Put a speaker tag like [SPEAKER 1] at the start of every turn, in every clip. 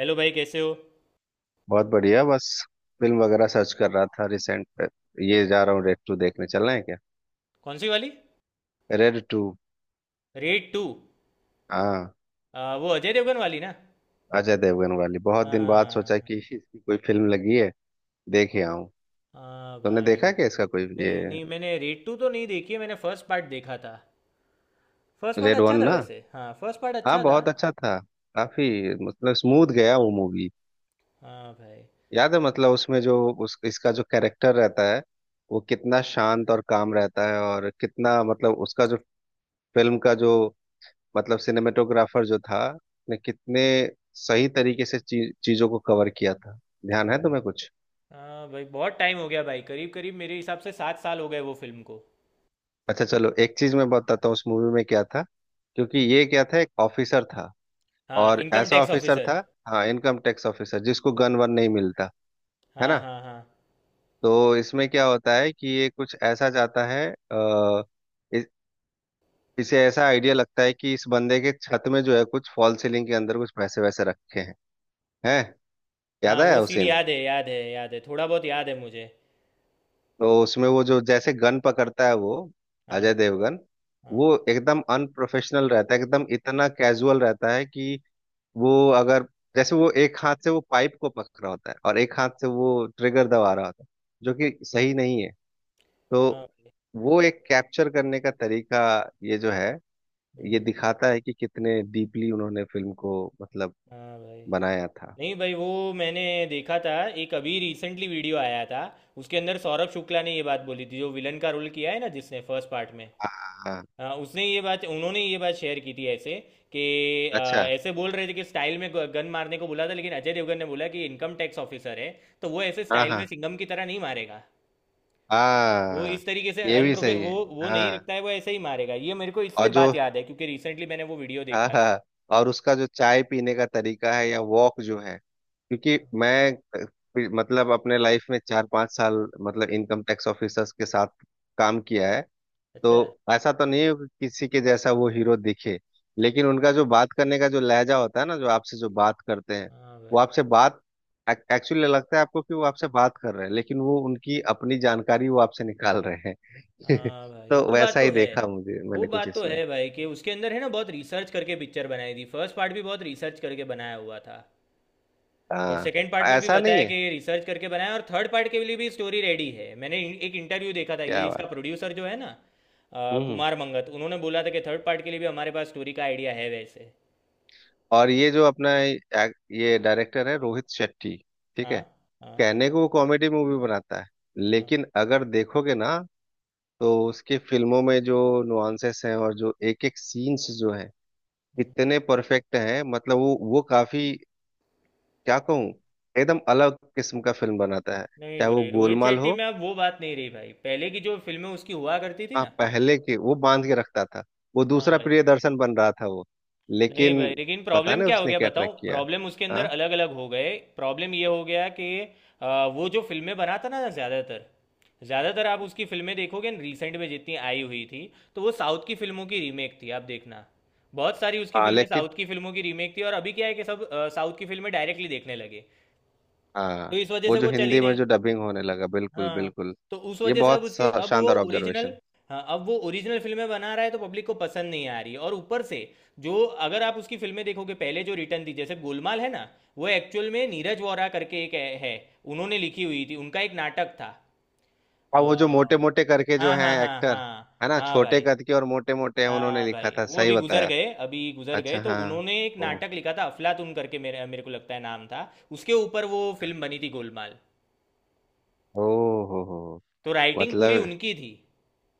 [SPEAKER 1] Hello भाई, कैसे हो।
[SPEAKER 2] बहुत बढ़िया। बस फिल्म वगैरह सर्च कर रहा था रिसेंट पे। ये जा रहा हूँ रेड टू देखने, चलना है क्या?
[SPEAKER 1] कौन सी वाली?
[SPEAKER 2] Raid two.
[SPEAKER 1] Raid two.
[SPEAKER 2] हाँ,
[SPEAKER 1] वो अजय देवगन वाली ना?
[SPEAKER 2] अजय देवगन वाली, बहुत दिन बाद सोचा
[SPEAKER 1] हाँ।
[SPEAKER 2] कि इसकी कोई फिल्म लगी है, देख ही आऊं।
[SPEAKER 1] हाँ
[SPEAKER 2] तुमने
[SPEAKER 1] भाई
[SPEAKER 2] देखा
[SPEAKER 1] वो-
[SPEAKER 2] क्या इसका कोई ये?
[SPEAKER 1] नहीं नहीं, मैंने रेड टू तो नहीं देखी है। मैंने फर्स्ट पार्ट देखा था। फर्स्ट पार्ट
[SPEAKER 2] रेड वन
[SPEAKER 1] अच्छा था,
[SPEAKER 2] ना।
[SPEAKER 1] वैसे। हाँ, फर्स्ट पार्ट
[SPEAKER 2] हाँ,
[SPEAKER 1] अच्छा था।
[SPEAKER 2] बहुत अच्छा था। काफी मतलब स्मूथ गया वो मूवी।
[SPEAKER 1] हाँ भाई।
[SPEAKER 2] याद है मतलब उसमें जो उस इसका जो कैरेक्टर रहता है, वो कितना शांत और काम रहता है, और कितना मतलब उसका जो फिल्म का जो मतलब सिनेमेटोग्राफर जो था, ने कितने सही तरीके से चीजों को कवर किया था। ध्यान है तुम्हें कुछ?
[SPEAKER 1] हाँ भाई, बहुत टाइम हो गया भाई, करीब करीब मेरे हिसाब से 7 साल हो गए वो फिल्म को।
[SPEAKER 2] अच्छा, चलो एक चीज मैं बताता हूँ उस मूवी में क्या था। क्योंकि ये क्या था, एक ऑफिसर था,
[SPEAKER 1] हाँ,
[SPEAKER 2] और
[SPEAKER 1] इनकम
[SPEAKER 2] ऐसा
[SPEAKER 1] टैक्स
[SPEAKER 2] ऑफिसर
[SPEAKER 1] ऑफिसर।
[SPEAKER 2] था, हाँ, इनकम टैक्स ऑफिसर जिसको गन वन नहीं मिलता है
[SPEAKER 1] हाँ
[SPEAKER 2] ना।
[SPEAKER 1] हाँ हाँ।
[SPEAKER 2] तो इसमें क्या होता है कि ये कुछ ऐसा जाता है, आ, इस, इसे ऐसा आइडिया लगता है कि इस बंदे के छत में जो है कुछ फॉल सीलिंग के अंदर कुछ पैसे वैसे रखे हैं, हैं। याद
[SPEAKER 1] हाँ, वो
[SPEAKER 2] आया
[SPEAKER 1] सीन
[SPEAKER 2] उसे।
[SPEAKER 1] याद है, याद है, याद है, थोड़ा बहुत याद है मुझे।
[SPEAKER 2] तो उसमें वो जो जैसे गन पकड़ता है वो, अजय
[SPEAKER 1] हाँ।
[SPEAKER 2] देवगन, वो
[SPEAKER 1] हाँ।
[SPEAKER 2] एकदम अनप्रोफेशनल रहता है, एकदम इतना कैजुअल रहता है कि वो, अगर जैसे, वो एक हाथ से वो पाइप को पकड़ रहा होता है और एक हाथ से वो ट्रिगर दबा रहा होता है, जो कि सही नहीं है। तो
[SPEAKER 1] हाँ।
[SPEAKER 2] वो एक कैप्चर करने का तरीका, ये जो है, ये
[SPEAKER 1] हम्म,
[SPEAKER 2] दिखाता है कि कितने डीपली उन्होंने फिल्म को मतलब
[SPEAKER 1] हाँ भाई।
[SPEAKER 2] बनाया था।
[SPEAKER 1] नहीं भाई, वो मैंने देखा था एक अभी रिसेंटली वीडियो आया था उसके अंदर। सौरभ शुक्ला ने ये बात बोली थी, जो विलन का रोल किया है ना जिसने फर्स्ट पार्ट में।
[SPEAKER 2] हाँ।
[SPEAKER 1] हाँ, उसने ये बात, उन्होंने ये बात शेयर की थी ऐसे कि
[SPEAKER 2] अच्छा।
[SPEAKER 1] अ, ऐसे बोल रहे थे कि स्टाइल में गन मारने को बोला था, लेकिन अजय देवगन ने बोला कि इनकम टैक्स ऑफिसर है तो वो ऐसे
[SPEAKER 2] हाँ
[SPEAKER 1] स्टाइल में
[SPEAKER 2] हाँ
[SPEAKER 1] सिंघम की तरह नहीं मारेगा। वो
[SPEAKER 2] हाँ,
[SPEAKER 1] इस तरीके से
[SPEAKER 2] ये भी
[SPEAKER 1] अनप्रोफे
[SPEAKER 2] सही है।
[SPEAKER 1] वो नहीं
[SPEAKER 2] हाँ
[SPEAKER 1] रखता है। वो ऐसे ही मारेगा। ये मेरे को
[SPEAKER 2] और
[SPEAKER 1] इसलिए
[SPEAKER 2] जो,
[SPEAKER 1] बात याद है, क्योंकि रिसेंटली मैंने वो वीडियो
[SPEAKER 2] हाँ
[SPEAKER 1] देखा था।
[SPEAKER 2] हाँ, और उसका जो चाय पीने का तरीका है या वॉक जो है, क्योंकि मैं मतलब अपने लाइफ में 4-5 साल मतलब इनकम टैक्स ऑफिसर्स के साथ काम किया है। तो
[SPEAKER 1] अच्छा।
[SPEAKER 2] ऐसा तो नहीं है कि किसी के जैसा वो हीरो दिखे, लेकिन उनका जो बात करने का जो लहजा होता है ना, जो आपसे जो बात करते हैं,
[SPEAKER 1] हाँ
[SPEAKER 2] वो
[SPEAKER 1] भाई।
[SPEAKER 2] आपसे बात, एक्चुअली लगता है आपको कि वो आपसे बात कर रहे हैं, लेकिन वो उनकी अपनी जानकारी वो आपसे निकाल रहे हैं।
[SPEAKER 1] हाँ भाई,
[SPEAKER 2] तो
[SPEAKER 1] वो बात
[SPEAKER 2] वैसा
[SPEAKER 1] तो
[SPEAKER 2] ही
[SPEAKER 1] है।
[SPEAKER 2] देखा मुझे
[SPEAKER 1] वो
[SPEAKER 2] मैंने कुछ
[SPEAKER 1] बात तो
[SPEAKER 2] इसमें।
[SPEAKER 1] है भाई, कि उसके अंदर है ना, बहुत रिसर्च करके पिक्चर बनाई थी। फर्स्ट पार्ट भी बहुत रिसर्च करके बनाया हुआ था। और सेकंड
[SPEAKER 2] हाँ,
[SPEAKER 1] पार्ट में भी
[SPEAKER 2] ऐसा
[SPEAKER 1] बताया
[SPEAKER 2] नहीं है।
[SPEAKER 1] कि रिसर्च करके बनाया, और थर्ड पार्ट के लिए भी स्टोरी रेडी है। मैंने एक इंटरव्यू देखा था, ये
[SPEAKER 2] क्या
[SPEAKER 1] इसका
[SPEAKER 2] बात।
[SPEAKER 1] प्रोड्यूसर जो है ना,
[SPEAKER 2] हम्म।
[SPEAKER 1] कुमार मंगत, उन्होंने बोला था कि थर्ड पार्ट के लिए भी हमारे पास स्टोरी का आइडिया है वैसे।
[SPEAKER 2] और ये जो अपना ये डायरेक्टर है, रोहित शेट्टी। ठीक
[SPEAKER 1] हाँ
[SPEAKER 2] है,
[SPEAKER 1] हाँ
[SPEAKER 2] कहने को वो कॉमेडी मूवी बनाता है,
[SPEAKER 1] हाँ।
[SPEAKER 2] लेकिन अगर देखोगे ना, तो उसकी फिल्मों में जो नुआंसेस हैं और जो एक एक सीन्स जो हैं, इतने परफेक्ट हैं, मतलब वो काफी, क्या कहूँ, एकदम अलग किस्म का फिल्म बनाता है।
[SPEAKER 1] नहीं
[SPEAKER 2] चाहे वो
[SPEAKER 1] भाई, रोहित
[SPEAKER 2] गोलमाल
[SPEAKER 1] शेट्टी
[SPEAKER 2] हो।
[SPEAKER 1] में अब वो बात नहीं रही भाई, पहले की जो फिल्में उसकी हुआ करती थी
[SPEAKER 2] हाँ,
[SPEAKER 1] ना।
[SPEAKER 2] पहले के वो बांध के रखता था। वो
[SPEAKER 1] हाँ
[SPEAKER 2] दूसरा
[SPEAKER 1] भाई।
[SPEAKER 2] प्रियदर्शन बन रहा था वो।
[SPEAKER 1] नहीं
[SPEAKER 2] लेकिन
[SPEAKER 1] भाई, लेकिन
[SPEAKER 2] पता
[SPEAKER 1] प्रॉब्लम
[SPEAKER 2] नहीं
[SPEAKER 1] क्या हो
[SPEAKER 2] उसने
[SPEAKER 1] गया
[SPEAKER 2] क्या
[SPEAKER 1] बताऊं?
[SPEAKER 2] ट्रैक किया।
[SPEAKER 1] प्रॉब्लम, उसके अंदर
[SPEAKER 2] हाँ
[SPEAKER 1] अलग अलग हो गए। प्रॉब्लम ये हो गया कि वो जो फिल्में बनाता ना ज़्यादातर, ज़्यादातर आप उसकी फिल्में देखोगे न रिसेंट में जितनी आई हुई थी, तो वो साउथ की फिल्मों की रीमेक थी। आप देखना, बहुत सारी उसकी
[SPEAKER 2] हाँ,
[SPEAKER 1] फिल्में
[SPEAKER 2] लेकिन।
[SPEAKER 1] साउथ की फिल्मों की रीमेक थी। और अभी क्या है कि सब साउथ की फिल्में डायरेक्टली देखने लगे, तो
[SPEAKER 2] हाँ,
[SPEAKER 1] इस वजह
[SPEAKER 2] वो
[SPEAKER 1] से
[SPEAKER 2] जो
[SPEAKER 1] वो चली
[SPEAKER 2] हिंदी में
[SPEAKER 1] नहीं।
[SPEAKER 2] जो डबिंग होने लगा, बिल्कुल
[SPEAKER 1] हाँ,
[SPEAKER 2] बिल्कुल।
[SPEAKER 1] तो उस वजह से अब उसके, अब वो
[SPEAKER 2] शानदार
[SPEAKER 1] ओरिजिनल।
[SPEAKER 2] ऑब्जर्वेशन।
[SPEAKER 1] हाँ, अब वो ओरिजिनल फिल्में बना रहा है तो पब्लिक को पसंद नहीं आ रही है, और ऊपर से जो, अगर आप उसकी फिल्में देखोगे पहले, जो रिटर्न थी जैसे गोलमाल है ना, वो एक्चुअल में नीरज वोरा करके एक है, उन्होंने लिखी हुई थी, उनका एक नाटक था। अ,
[SPEAKER 2] अब वो जो मोटे मोटे करके जो
[SPEAKER 1] हाँ
[SPEAKER 2] हैं
[SPEAKER 1] हाँ हाँ
[SPEAKER 2] एक्टर,
[SPEAKER 1] हाँ
[SPEAKER 2] है ना,
[SPEAKER 1] हाँ
[SPEAKER 2] छोटे
[SPEAKER 1] भाई।
[SPEAKER 2] कद के और मोटे मोटे हैं, उन्होंने
[SPEAKER 1] हाँ
[SPEAKER 2] लिखा
[SPEAKER 1] भाई,
[SPEAKER 2] था,
[SPEAKER 1] वो
[SPEAKER 2] सही
[SPEAKER 1] अभी गुजर
[SPEAKER 2] बताया।
[SPEAKER 1] गए, अभी गुजर गए,
[SPEAKER 2] अच्छा
[SPEAKER 1] तो
[SPEAKER 2] हाँ।
[SPEAKER 1] उन्होंने एक
[SPEAKER 2] ओ।
[SPEAKER 1] नाटक लिखा था अफलातून करके, मेरे मेरे को लगता है नाम था। उसके ऊपर वो फिल्म बनी थी गोलमाल।
[SPEAKER 2] ओ हो हो।
[SPEAKER 1] तो राइटिंग पूरी
[SPEAKER 2] मतलब,
[SPEAKER 1] उनकी थी।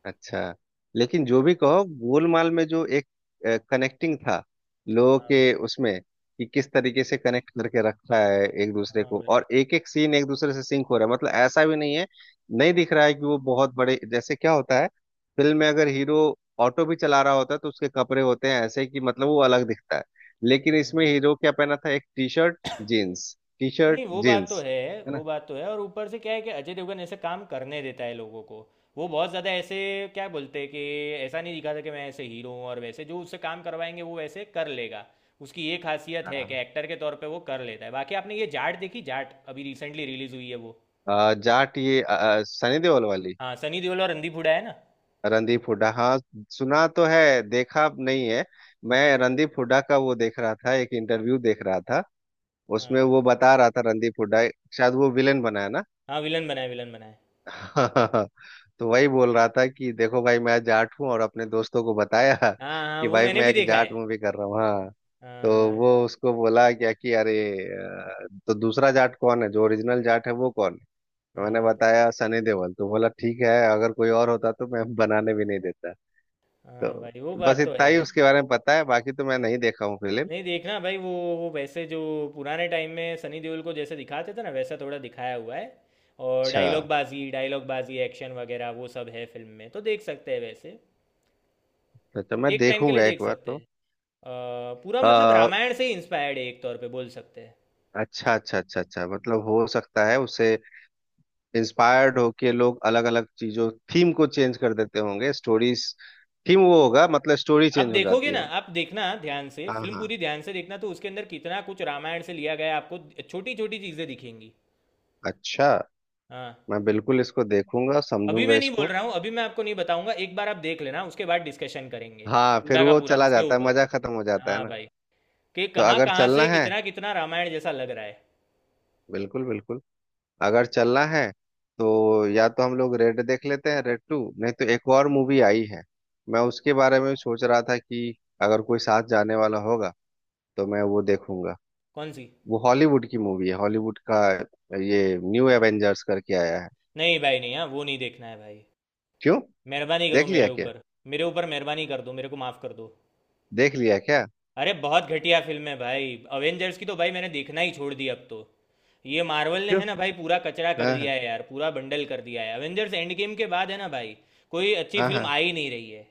[SPEAKER 2] अच्छा। लेकिन जो भी कहो, गोलमाल में जो एक कनेक्टिंग था लोगों
[SPEAKER 1] हाँ
[SPEAKER 2] के
[SPEAKER 1] भाई।
[SPEAKER 2] उसमें, कि किस तरीके से कनेक्ट करके रखा है एक दूसरे
[SPEAKER 1] हाँ
[SPEAKER 2] को,
[SPEAKER 1] भाई।
[SPEAKER 2] और एक एक सीन एक दूसरे से सिंक हो रहा है, मतलब ऐसा भी नहीं है, नहीं दिख रहा है कि वो बहुत बड़े, जैसे क्या होता है, फिल्म में अगर हीरो ऑटो भी चला रहा होता है, तो उसके कपड़े होते हैं ऐसे कि मतलब वो अलग दिखता है। लेकिन इसमें
[SPEAKER 1] हम्म,
[SPEAKER 2] हीरो क्या पहना था, एक T shirt jeans, T shirt
[SPEAKER 1] नहीं वो बात तो
[SPEAKER 2] जीन्स।
[SPEAKER 1] है,
[SPEAKER 2] है ना।
[SPEAKER 1] वो बात तो है, और ऊपर से क्या है कि अजय देवगन ऐसे काम करने देता है लोगों को। वो बहुत ज़्यादा ऐसे क्या बोलते हैं कि ऐसा नहीं दिखाता कि मैं ऐसे हीरो हूँ, और वैसे जो उससे काम करवाएंगे वो वैसे कर लेगा। उसकी ये खासियत है कि
[SPEAKER 2] हाँ।
[SPEAKER 1] एक्टर के तौर पे वो कर लेता है। बाकी आपने ये जाट देखी? जाट अभी रिसेंटली रिलीज हुई है वो।
[SPEAKER 2] जाट, सनी देओल वाली।
[SPEAKER 1] हाँ, सनी देओल और रणदीप हुड्डा है ना।
[SPEAKER 2] रणदीप हुड्डा, हाँ, सुना तो है, देखा नहीं है। मैं रणदीप हुड्डा का वो देख रहा था, एक इंटरव्यू देख रहा था, उसमें
[SPEAKER 1] हाँ
[SPEAKER 2] वो बता रहा था, रणदीप हुड्डा, शायद वो विलेन बना है ना।
[SPEAKER 1] हाँ, विलन बना है, विलन बना है।
[SPEAKER 2] तो वही बोल रहा था कि देखो भाई मैं जाट हूँ, और अपने दोस्तों को बताया
[SPEAKER 1] हाँ हाँ
[SPEAKER 2] कि
[SPEAKER 1] वो
[SPEAKER 2] भाई
[SPEAKER 1] मैंने
[SPEAKER 2] मैं
[SPEAKER 1] भी
[SPEAKER 2] एक
[SPEAKER 1] देखा है।
[SPEAKER 2] जाट मूवी कर रहा हूँ, हाँ।
[SPEAKER 1] हाँ
[SPEAKER 2] तो
[SPEAKER 1] हाँ
[SPEAKER 2] वो उसको बोला क्या कि अरे, तो दूसरा जाट कौन है, जो ओरिजिनल जाट है वो कौन है। तो मैंने
[SPEAKER 1] हाँ
[SPEAKER 2] बताया सनी देओल, तो बोला ठीक है, अगर कोई और होता तो मैं बनाने भी नहीं देता।
[SPEAKER 1] हाँ
[SPEAKER 2] तो
[SPEAKER 1] भाई वो
[SPEAKER 2] बस
[SPEAKER 1] बात तो
[SPEAKER 2] इतना
[SPEAKER 1] है।
[SPEAKER 2] ही उसके बारे में पता है, बाकी तो मैं
[SPEAKER 1] हाँ।
[SPEAKER 2] नहीं देखा हूँ फिल्म।
[SPEAKER 1] नहीं देखना भाई वो। वो वैसे जो पुराने टाइम में सनी देओल को जैसे दिखाते थे ना, वैसा थोड़ा दिखाया हुआ है। और
[SPEAKER 2] अच्छा,
[SPEAKER 1] डायलॉग बाजी, डायलॉग बाजी, एक्शन वगैरह वो सब है फिल्म में, तो देख सकते हैं वैसे।
[SPEAKER 2] तो मैं
[SPEAKER 1] एक टाइम के लिए
[SPEAKER 2] देखूंगा
[SPEAKER 1] देख
[SPEAKER 2] एक बार
[SPEAKER 1] सकते हैं।
[SPEAKER 2] तो।
[SPEAKER 1] पूरा मतलब
[SPEAKER 2] आ,
[SPEAKER 1] रामायण से इंस्पायर्ड है, एक तौर पे बोल सकते हैं।
[SPEAKER 2] अच्छा अच्छा अच्छा अच्छा, मतलब हो सकता है उससे इंस्पायर्ड होके लोग अलग अलग चीजों थीम को चेंज कर देते होंगे स्टोरीज, थीम वो होगा मतलब स्टोरी
[SPEAKER 1] आप
[SPEAKER 2] चेंज हो
[SPEAKER 1] देखोगे
[SPEAKER 2] जाती
[SPEAKER 1] ना,
[SPEAKER 2] होगी।
[SPEAKER 1] आप देखना ध्यान से
[SPEAKER 2] हाँ
[SPEAKER 1] फिल्म,
[SPEAKER 2] हाँ,
[SPEAKER 1] पूरी ध्यान से देखना तो उसके अंदर कितना कुछ रामायण से लिया गया है, आपको छोटी छोटी चीज़ें दिखेंगी।
[SPEAKER 2] अच्छा।
[SPEAKER 1] हाँ।
[SPEAKER 2] मैं बिल्कुल इसको देखूंगा,
[SPEAKER 1] अभी
[SPEAKER 2] समझूंगा
[SPEAKER 1] मैं नहीं बोल
[SPEAKER 2] इसको।
[SPEAKER 1] रहा हूँ, अभी मैं आपको नहीं बताऊंगा, एक बार आप देख लेना उसके बाद डिस्कशन करेंगे।
[SPEAKER 2] हाँ, फिर
[SPEAKER 1] पूरा का
[SPEAKER 2] वो
[SPEAKER 1] पूरा
[SPEAKER 2] चला
[SPEAKER 1] उसके
[SPEAKER 2] जाता है,
[SPEAKER 1] ऊपर।
[SPEAKER 2] मजा खत्म हो जाता है
[SPEAKER 1] हाँ
[SPEAKER 2] ना।
[SPEAKER 1] भाई, कि
[SPEAKER 2] तो
[SPEAKER 1] कहाँ
[SPEAKER 2] अगर
[SPEAKER 1] कहाँ
[SPEAKER 2] चलना
[SPEAKER 1] से
[SPEAKER 2] है,
[SPEAKER 1] कितना कितना रामायण जैसा लग रहा है।
[SPEAKER 2] बिल्कुल बिल्कुल, अगर
[SPEAKER 1] हाँ
[SPEAKER 2] चलना
[SPEAKER 1] भाई।
[SPEAKER 2] है तो या तो हम लोग रेड देख लेते हैं, रेड टू, नहीं तो एक और मूवी आई है, मैं उसके बारे में सोच रहा था कि अगर कोई साथ जाने वाला होगा तो मैं वो देखूंगा।
[SPEAKER 1] कौन सी?
[SPEAKER 2] वो हॉलीवुड की मूवी है, हॉलीवुड का, ये न्यू एवेंजर्स करके आया है।
[SPEAKER 1] नहीं भाई नहीं, हाँ वो नहीं देखना है भाई।
[SPEAKER 2] क्यों?
[SPEAKER 1] मेहरबानी करो
[SPEAKER 2] देख लिया
[SPEAKER 1] मेरे
[SPEAKER 2] क्या?
[SPEAKER 1] ऊपर। मेरे ऊपर मेहरबानी कर दो, मेरे को माफ़ कर दो।
[SPEAKER 2] देख लिया क्या?
[SPEAKER 1] अरे बहुत घटिया फिल्म है भाई। अवेंजर्स की तो भाई मैंने देखना ही छोड़ दिया अब तो। ये मार्वल ने
[SPEAKER 2] क्यों?
[SPEAKER 1] है ना भाई, पूरा कचरा कर
[SPEAKER 2] हाँ
[SPEAKER 1] दिया
[SPEAKER 2] हाँ।
[SPEAKER 1] है यार, पूरा बंडल कर दिया है अवेंजर्स एंड गेम के बाद है ना भाई। कोई अच्छी
[SPEAKER 2] हाँ
[SPEAKER 1] फिल्म
[SPEAKER 2] हाँ।
[SPEAKER 1] आ ही नहीं रही है।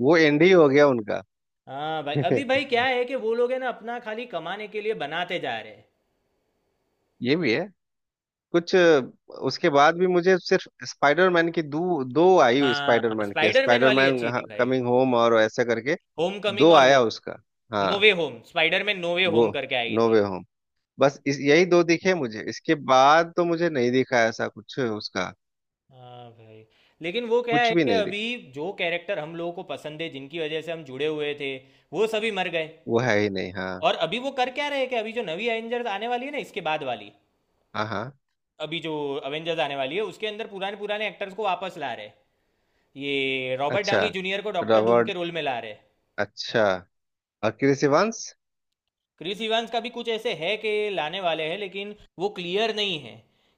[SPEAKER 2] वो एंड ही हो गया उनका।
[SPEAKER 1] हाँ भाई, अभी भाई क्या है कि वो लोग है ना अपना खाली कमाने के लिए बनाते जा रहे हैं।
[SPEAKER 2] ये भी है। कुछ, उसके बाद भी मुझे सिर्फ स्पाइडरमैन की दो दो आई,
[SPEAKER 1] हाँ,
[SPEAKER 2] स्पाइडरमैन के,
[SPEAKER 1] स्पाइडरमैन वाली
[SPEAKER 2] स्पाइडरमैन
[SPEAKER 1] अच्छी थी भाई।
[SPEAKER 2] कमिंग होम और ऐसा करके
[SPEAKER 1] होम
[SPEAKER 2] दो
[SPEAKER 1] कमिंग और वो
[SPEAKER 2] आया उसका।
[SPEAKER 1] नो
[SPEAKER 2] हाँ
[SPEAKER 1] वे होम, स्पाइडर में नो वे
[SPEAKER 2] वो
[SPEAKER 1] होम करके आई
[SPEAKER 2] नो
[SPEAKER 1] थी।
[SPEAKER 2] वे होम। बस इस यही दो दिखे मुझे, इसके बाद तो मुझे नहीं दिखा ऐसा कुछ उसका,
[SPEAKER 1] हाँ भाई। लेकिन वो क्या
[SPEAKER 2] कुछ
[SPEAKER 1] है
[SPEAKER 2] भी
[SPEAKER 1] कि
[SPEAKER 2] नहीं दिखा।
[SPEAKER 1] अभी जो कैरेक्टर हम लोगों को पसंद है, जिनकी वजह से हम जुड़े हुए थे, वो सभी मर गए।
[SPEAKER 2] वो है ही नहीं, हाँ।
[SPEAKER 1] और अभी वो कर क्या रहे हैं कि अभी जो नवी एवेंजर्स आने वाली है ना इसके बाद वाली,
[SPEAKER 2] हाँ हाँ,
[SPEAKER 1] अभी जो अवेंजर्स आने वाली है उसके अंदर पुराने पुराने एक्टर्स को वापस ला रहे हैं। ये रॉबर्ट
[SPEAKER 2] अच्छा।
[SPEAKER 1] डाउनी जूनियर को डॉक्टर डूम के
[SPEAKER 2] रॉबर्ट,
[SPEAKER 1] रोल में ला रहे हैं।
[SPEAKER 2] अच्छा। और क्रिस इवांस?
[SPEAKER 1] क्रिस इवांस का भी कुछ ऐसे है कि लाने वाले हैं, लेकिन वो क्लियर नहीं है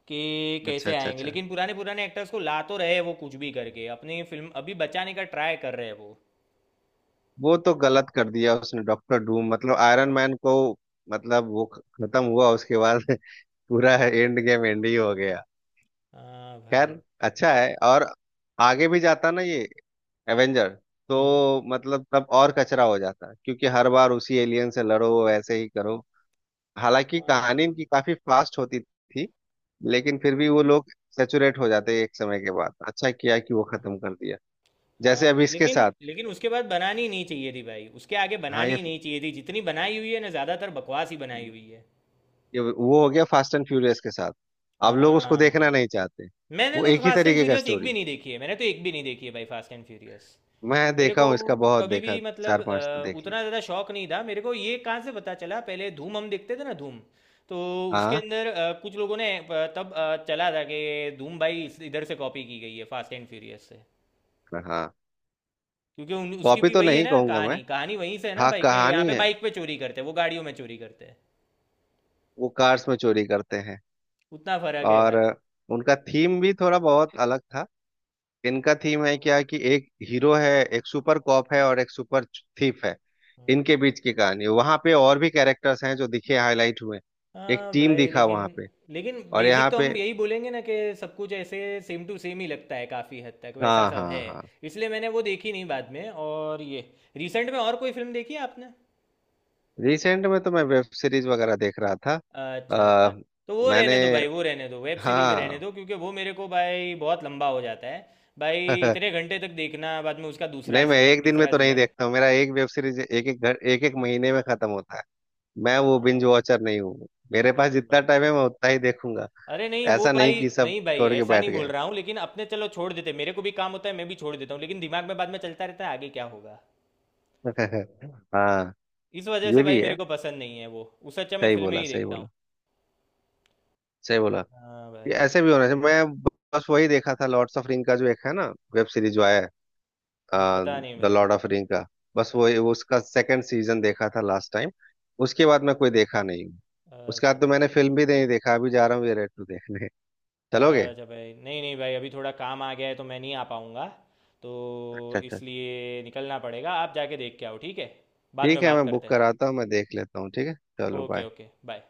[SPEAKER 1] कि
[SPEAKER 2] अच्छा
[SPEAKER 1] कैसे
[SPEAKER 2] अच्छा
[SPEAKER 1] आएंगे।
[SPEAKER 2] अच्छा।
[SPEAKER 1] लेकिन पुराने पुराने एक्टर्स को ला तो रहे हैं, वो कुछ भी करके अपनी फिल्म अभी बचाने का ट्राई कर रहे हैं वो।
[SPEAKER 2] वो तो गलत कर दिया उसने, डॉक्टर डूम मतलब आयरन मैन को, मतलब वो खत्म हुआ उसके बाद। पूरा एंड गेम एंड ही हो गया।
[SPEAKER 1] हाँ भाई।
[SPEAKER 2] खैर अच्छा है, और आगे भी जाता ना ये एवेंजर,
[SPEAKER 1] हम्म।
[SPEAKER 2] तो मतलब तब और कचरा हो जाता, क्योंकि हर बार उसी एलियन से लड़ो, ऐसे ही करो। हालांकि
[SPEAKER 1] हाँ
[SPEAKER 2] कहानी इनकी
[SPEAKER 1] भाई।
[SPEAKER 2] काफी फास्ट होती थी, लेकिन फिर भी वो लोग सेचुरेट हो जाते एक समय के बाद। अच्छा किया कि वो खत्म कर दिया, जैसे
[SPEAKER 1] हाँ
[SPEAKER 2] अभी
[SPEAKER 1] भाई
[SPEAKER 2] इसके
[SPEAKER 1] लेकिन
[SPEAKER 2] साथ।
[SPEAKER 1] लेकिन उसके बाद बनानी नहीं चाहिए थी भाई, उसके आगे
[SPEAKER 2] हाँ
[SPEAKER 1] बनानी ही नहीं चाहिए थी जितनी बनाई हुई है ना ज़्यादातर बकवास ही बनाई हुई है।
[SPEAKER 2] ये वो हो गया फास्ट एंड फ्यूरियस के साथ, अब लोग उसको
[SPEAKER 1] हाँ।
[SPEAKER 2] देखना नहीं चाहते।
[SPEAKER 1] मैंने
[SPEAKER 2] वो
[SPEAKER 1] तो
[SPEAKER 2] एक ही
[SPEAKER 1] फास्ट एंड
[SPEAKER 2] तरीके का
[SPEAKER 1] फ्यूरियस एक भी
[SPEAKER 2] स्टोरी,
[SPEAKER 1] नहीं देखी है, मैंने तो एक भी नहीं देखी है भाई फास्ट एंड फ्यूरियस।
[SPEAKER 2] मैं
[SPEAKER 1] मेरे
[SPEAKER 2] देखा
[SPEAKER 1] को
[SPEAKER 2] हूँ इसका बहुत,
[SPEAKER 1] कभी
[SPEAKER 2] देखा
[SPEAKER 1] भी
[SPEAKER 2] चार
[SPEAKER 1] मतलब
[SPEAKER 2] पांच तो देख लिया।
[SPEAKER 1] उतना ज़्यादा शौक नहीं था मेरे को। ये कहाँ से पता चला, पहले धूम हम देखते थे ना, धूम। तो उसके
[SPEAKER 2] हाँ।
[SPEAKER 1] अंदर कुछ लोगों ने तब चला था कि धूम भाई इधर से कॉपी की गई है फास्ट एंड फ्यूरियस से,
[SPEAKER 2] हाँ,
[SPEAKER 1] क्योंकि उसकी
[SPEAKER 2] कॉपी
[SPEAKER 1] भी
[SPEAKER 2] तो
[SPEAKER 1] वही है
[SPEAKER 2] नहीं
[SPEAKER 1] ना
[SPEAKER 2] कहूंगा मैं,
[SPEAKER 1] कहानी, कहानी वहीं से है ना
[SPEAKER 2] हाँ
[SPEAKER 1] भाई के। यहाँ
[SPEAKER 2] कहानी
[SPEAKER 1] पे
[SPEAKER 2] है,
[SPEAKER 1] बाइक पे चोरी करते हैं, वो गाड़ियों में चोरी करते हैं,
[SPEAKER 2] वो कार्स में चोरी करते हैं,
[SPEAKER 1] उतना फर्क है
[SPEAKER 2] और
[SPEAKER 1] खाली।
[SPEAKER 2] उनका थीम भी थोड़ा बहुत अलग था। इनका थीम है क्या कि एक हीरो है, एक सुपर कॉप है और एक सुपर थीफ है, इनके बीच की कहानी, वहां पे और भी कैरेक्टर्स हैं जो दिखे, हाईलाइट हुए, एक
[SPEAKER 1] हाँ
[SPEAKER 2] टीम
[SPEAKER 1] भाई
[SPEAKER 2] दिखा
[SPEAKER 1] लेकिन
[SPEAKER 2] वहां पे,
[SPEAKER 1] लेकिन
[SPEAKER 2] और
[SPEAKER 1] बेसिक
[SPEAKER 2] यहाँ
[SPEAKER 1] तो
[SPEAKER 2] पे।
[SPEAKER 1] हम यही बोलेंगे ना कि सब कुछ ऐसे सेम टू सेम ही लगता है, काफ़ी हद तक वैसा
[SPEAKER 2] हाँ
[SPEAKER 1] सब है।
[SPEAKER 2] हाँ हाँ।
[SPEAKER 1] इसलिए मैंने वो देखी नहीं बाद में। और ये, रिसेंट में और कोई फिल्म देखी है आपने?
[SPEAKER 2] रिसेंट में तो मैं वेब सीरीज वगैरह देख रहा था।
[SPEAKER 1] अच्छा
[SPEAKER 2] आ,
[SPEAKER 1] अच्छा। तो वो
[SPEAKER 2] मैंने,
[SPEAKER 1] रहने दो भाई, वो रहने दो, वेब सीरीज रहने
[SPEAKER 2] हाँ।
[SPEAKER 1] दो, क्योंकि वो मेरे को भाई बहुत लंबा हो जाता है भाई। इतने घंटे तक देखना, बाद में उसका दूसरा
[SPEAKER 2] नहीं मैं
[SPEAKER 1] सीज़न,
[SPEAKER 2] एक दिन में
[SPEAKER 1] तीसरा
[SPEAKER 2] तो नहीं
[SPEAKER 1] सीज़न।
[SPEAKER 2] देखता हूँ, मेरा एक वेब सीरीज एक एक घर, एक एक महीने में खत्म होता है। मैं वो
[SPEAKER 1] हाँ
[SPEAKER 2] बिंज
[SPEAKER 1] भाई।
[SPEAKER 2] वॉचर नहीं हूँ, मेरे पास
[SPEAKER 1] हाँ
[SPEAKER 2] जितना
[SPEAKER 1] भाई।
[SPEAKER 2] टाइम है मैं उतना ही देखूंगा।
[SPEAKER 1] अरे नहीं वो
[SPEAKER 2] ऐसा नहीं
[SPEAKER 1] भाई,
[SPEAKER 2] कि सब
[SPEAKER 1] नहीं भाई
[SPEAKER 2] छोड़ के
[SPEAKER 1] ऐसा
[SPEAKER 2] बैठ
[SPEAKER 1] नहीं बोल
[SPEAKER 2] गए।
[SPEAKER 1] रहा हूँ, लेकिन अपने चलो छोड़ देते, मेरे को भी काम होता है मैं भी छोड़ देता हूँ, लेकिन दिमाग में बाद में चलता रहता है आगे क्या होगा।
[SPEAKER 2] हाँ,
[SPEAKER 1] इस वजह से
[SPEAKER 2] ये
[SPEAKER 1] भाई
[SPEAKER 2] भी
[SPEAKER 1] मेरे
[SPEAKER 2] है।
[SPEAKER 1] को पसंद नहीं है वो। उससे अच्छा मैं
[SPEAKER 2] सही
[SPEAKER 1] फिल्में
[SPEAKER 2] बोला,
[SPEAKER 1] ही
[SPEAKER 2] सही
[SPEAKER 1] देखता हूँ।
[SPEAKER 2] बोला, सही बोला।
[SPEAKER 1] हाँ
[SPEAKER 2] ये
[SPEAKER 1] भाई।
[SPEAKER 2] ऐसे भी होना चाहिए। मैं बस वही देखा था, लॉर्ड्स ऑफ रिंग का जो एक है ना, वेब सीरीज जो आया है,
[SPEAKER 1] नहीं पता नहीं
[SPEAKER 2] द
[SPEAKER 1] भाई,
[SPEAKER 2] लॉर्ड
[SPEAKER 1] पता
[SPEAKER 2] ऑफ
[SPEAKER 1] नहीं।
[SPEAKER 2] रिंग का। बस
[SPEAKER 1] नहीं भाई।
[SPEAKER 2] वो उसका सेकंड सीजन देखा था लास्ट टाइम, उसके बाद मैं कोई देखा नहीं हूँ। उसके
[SPEAKER 1] अच्छा
[SPEAKER 2] बाद तो मैंने फिल्म भी नहीं देखा, अभी जा रहा हूँ ये रेड टू देखने। चलोगे?
[SPEAKER 1] अच्छा अच्छा भाई, नहीं नहीं भाई अभी थोड़ा काम आ गया है, तो मैं नहीं आ पाऊँगा, तो
[SPEAKER 2] अच्छा अच्छा।
[SPEAKER 1] इसलिए निकलना पड़ेगा। आप जाके देख के आओ ठीक है, बाद में
[SPEAKER 2] ठीक है,
[SPEAKER 1] बात
[SPEAKER 2] मैं
[SPEAKER 1] करते
[SPEAKER 2] बुक
[SPEAKER 1] हैं।
[SPEAKER 2] कराता हूँ, मैं देख लेता हूँ, ठीक है। चलो
[SPEAKER 1] ओके
[SPEAKER 2] बाय।
[SPEAKER 1] Okay bye.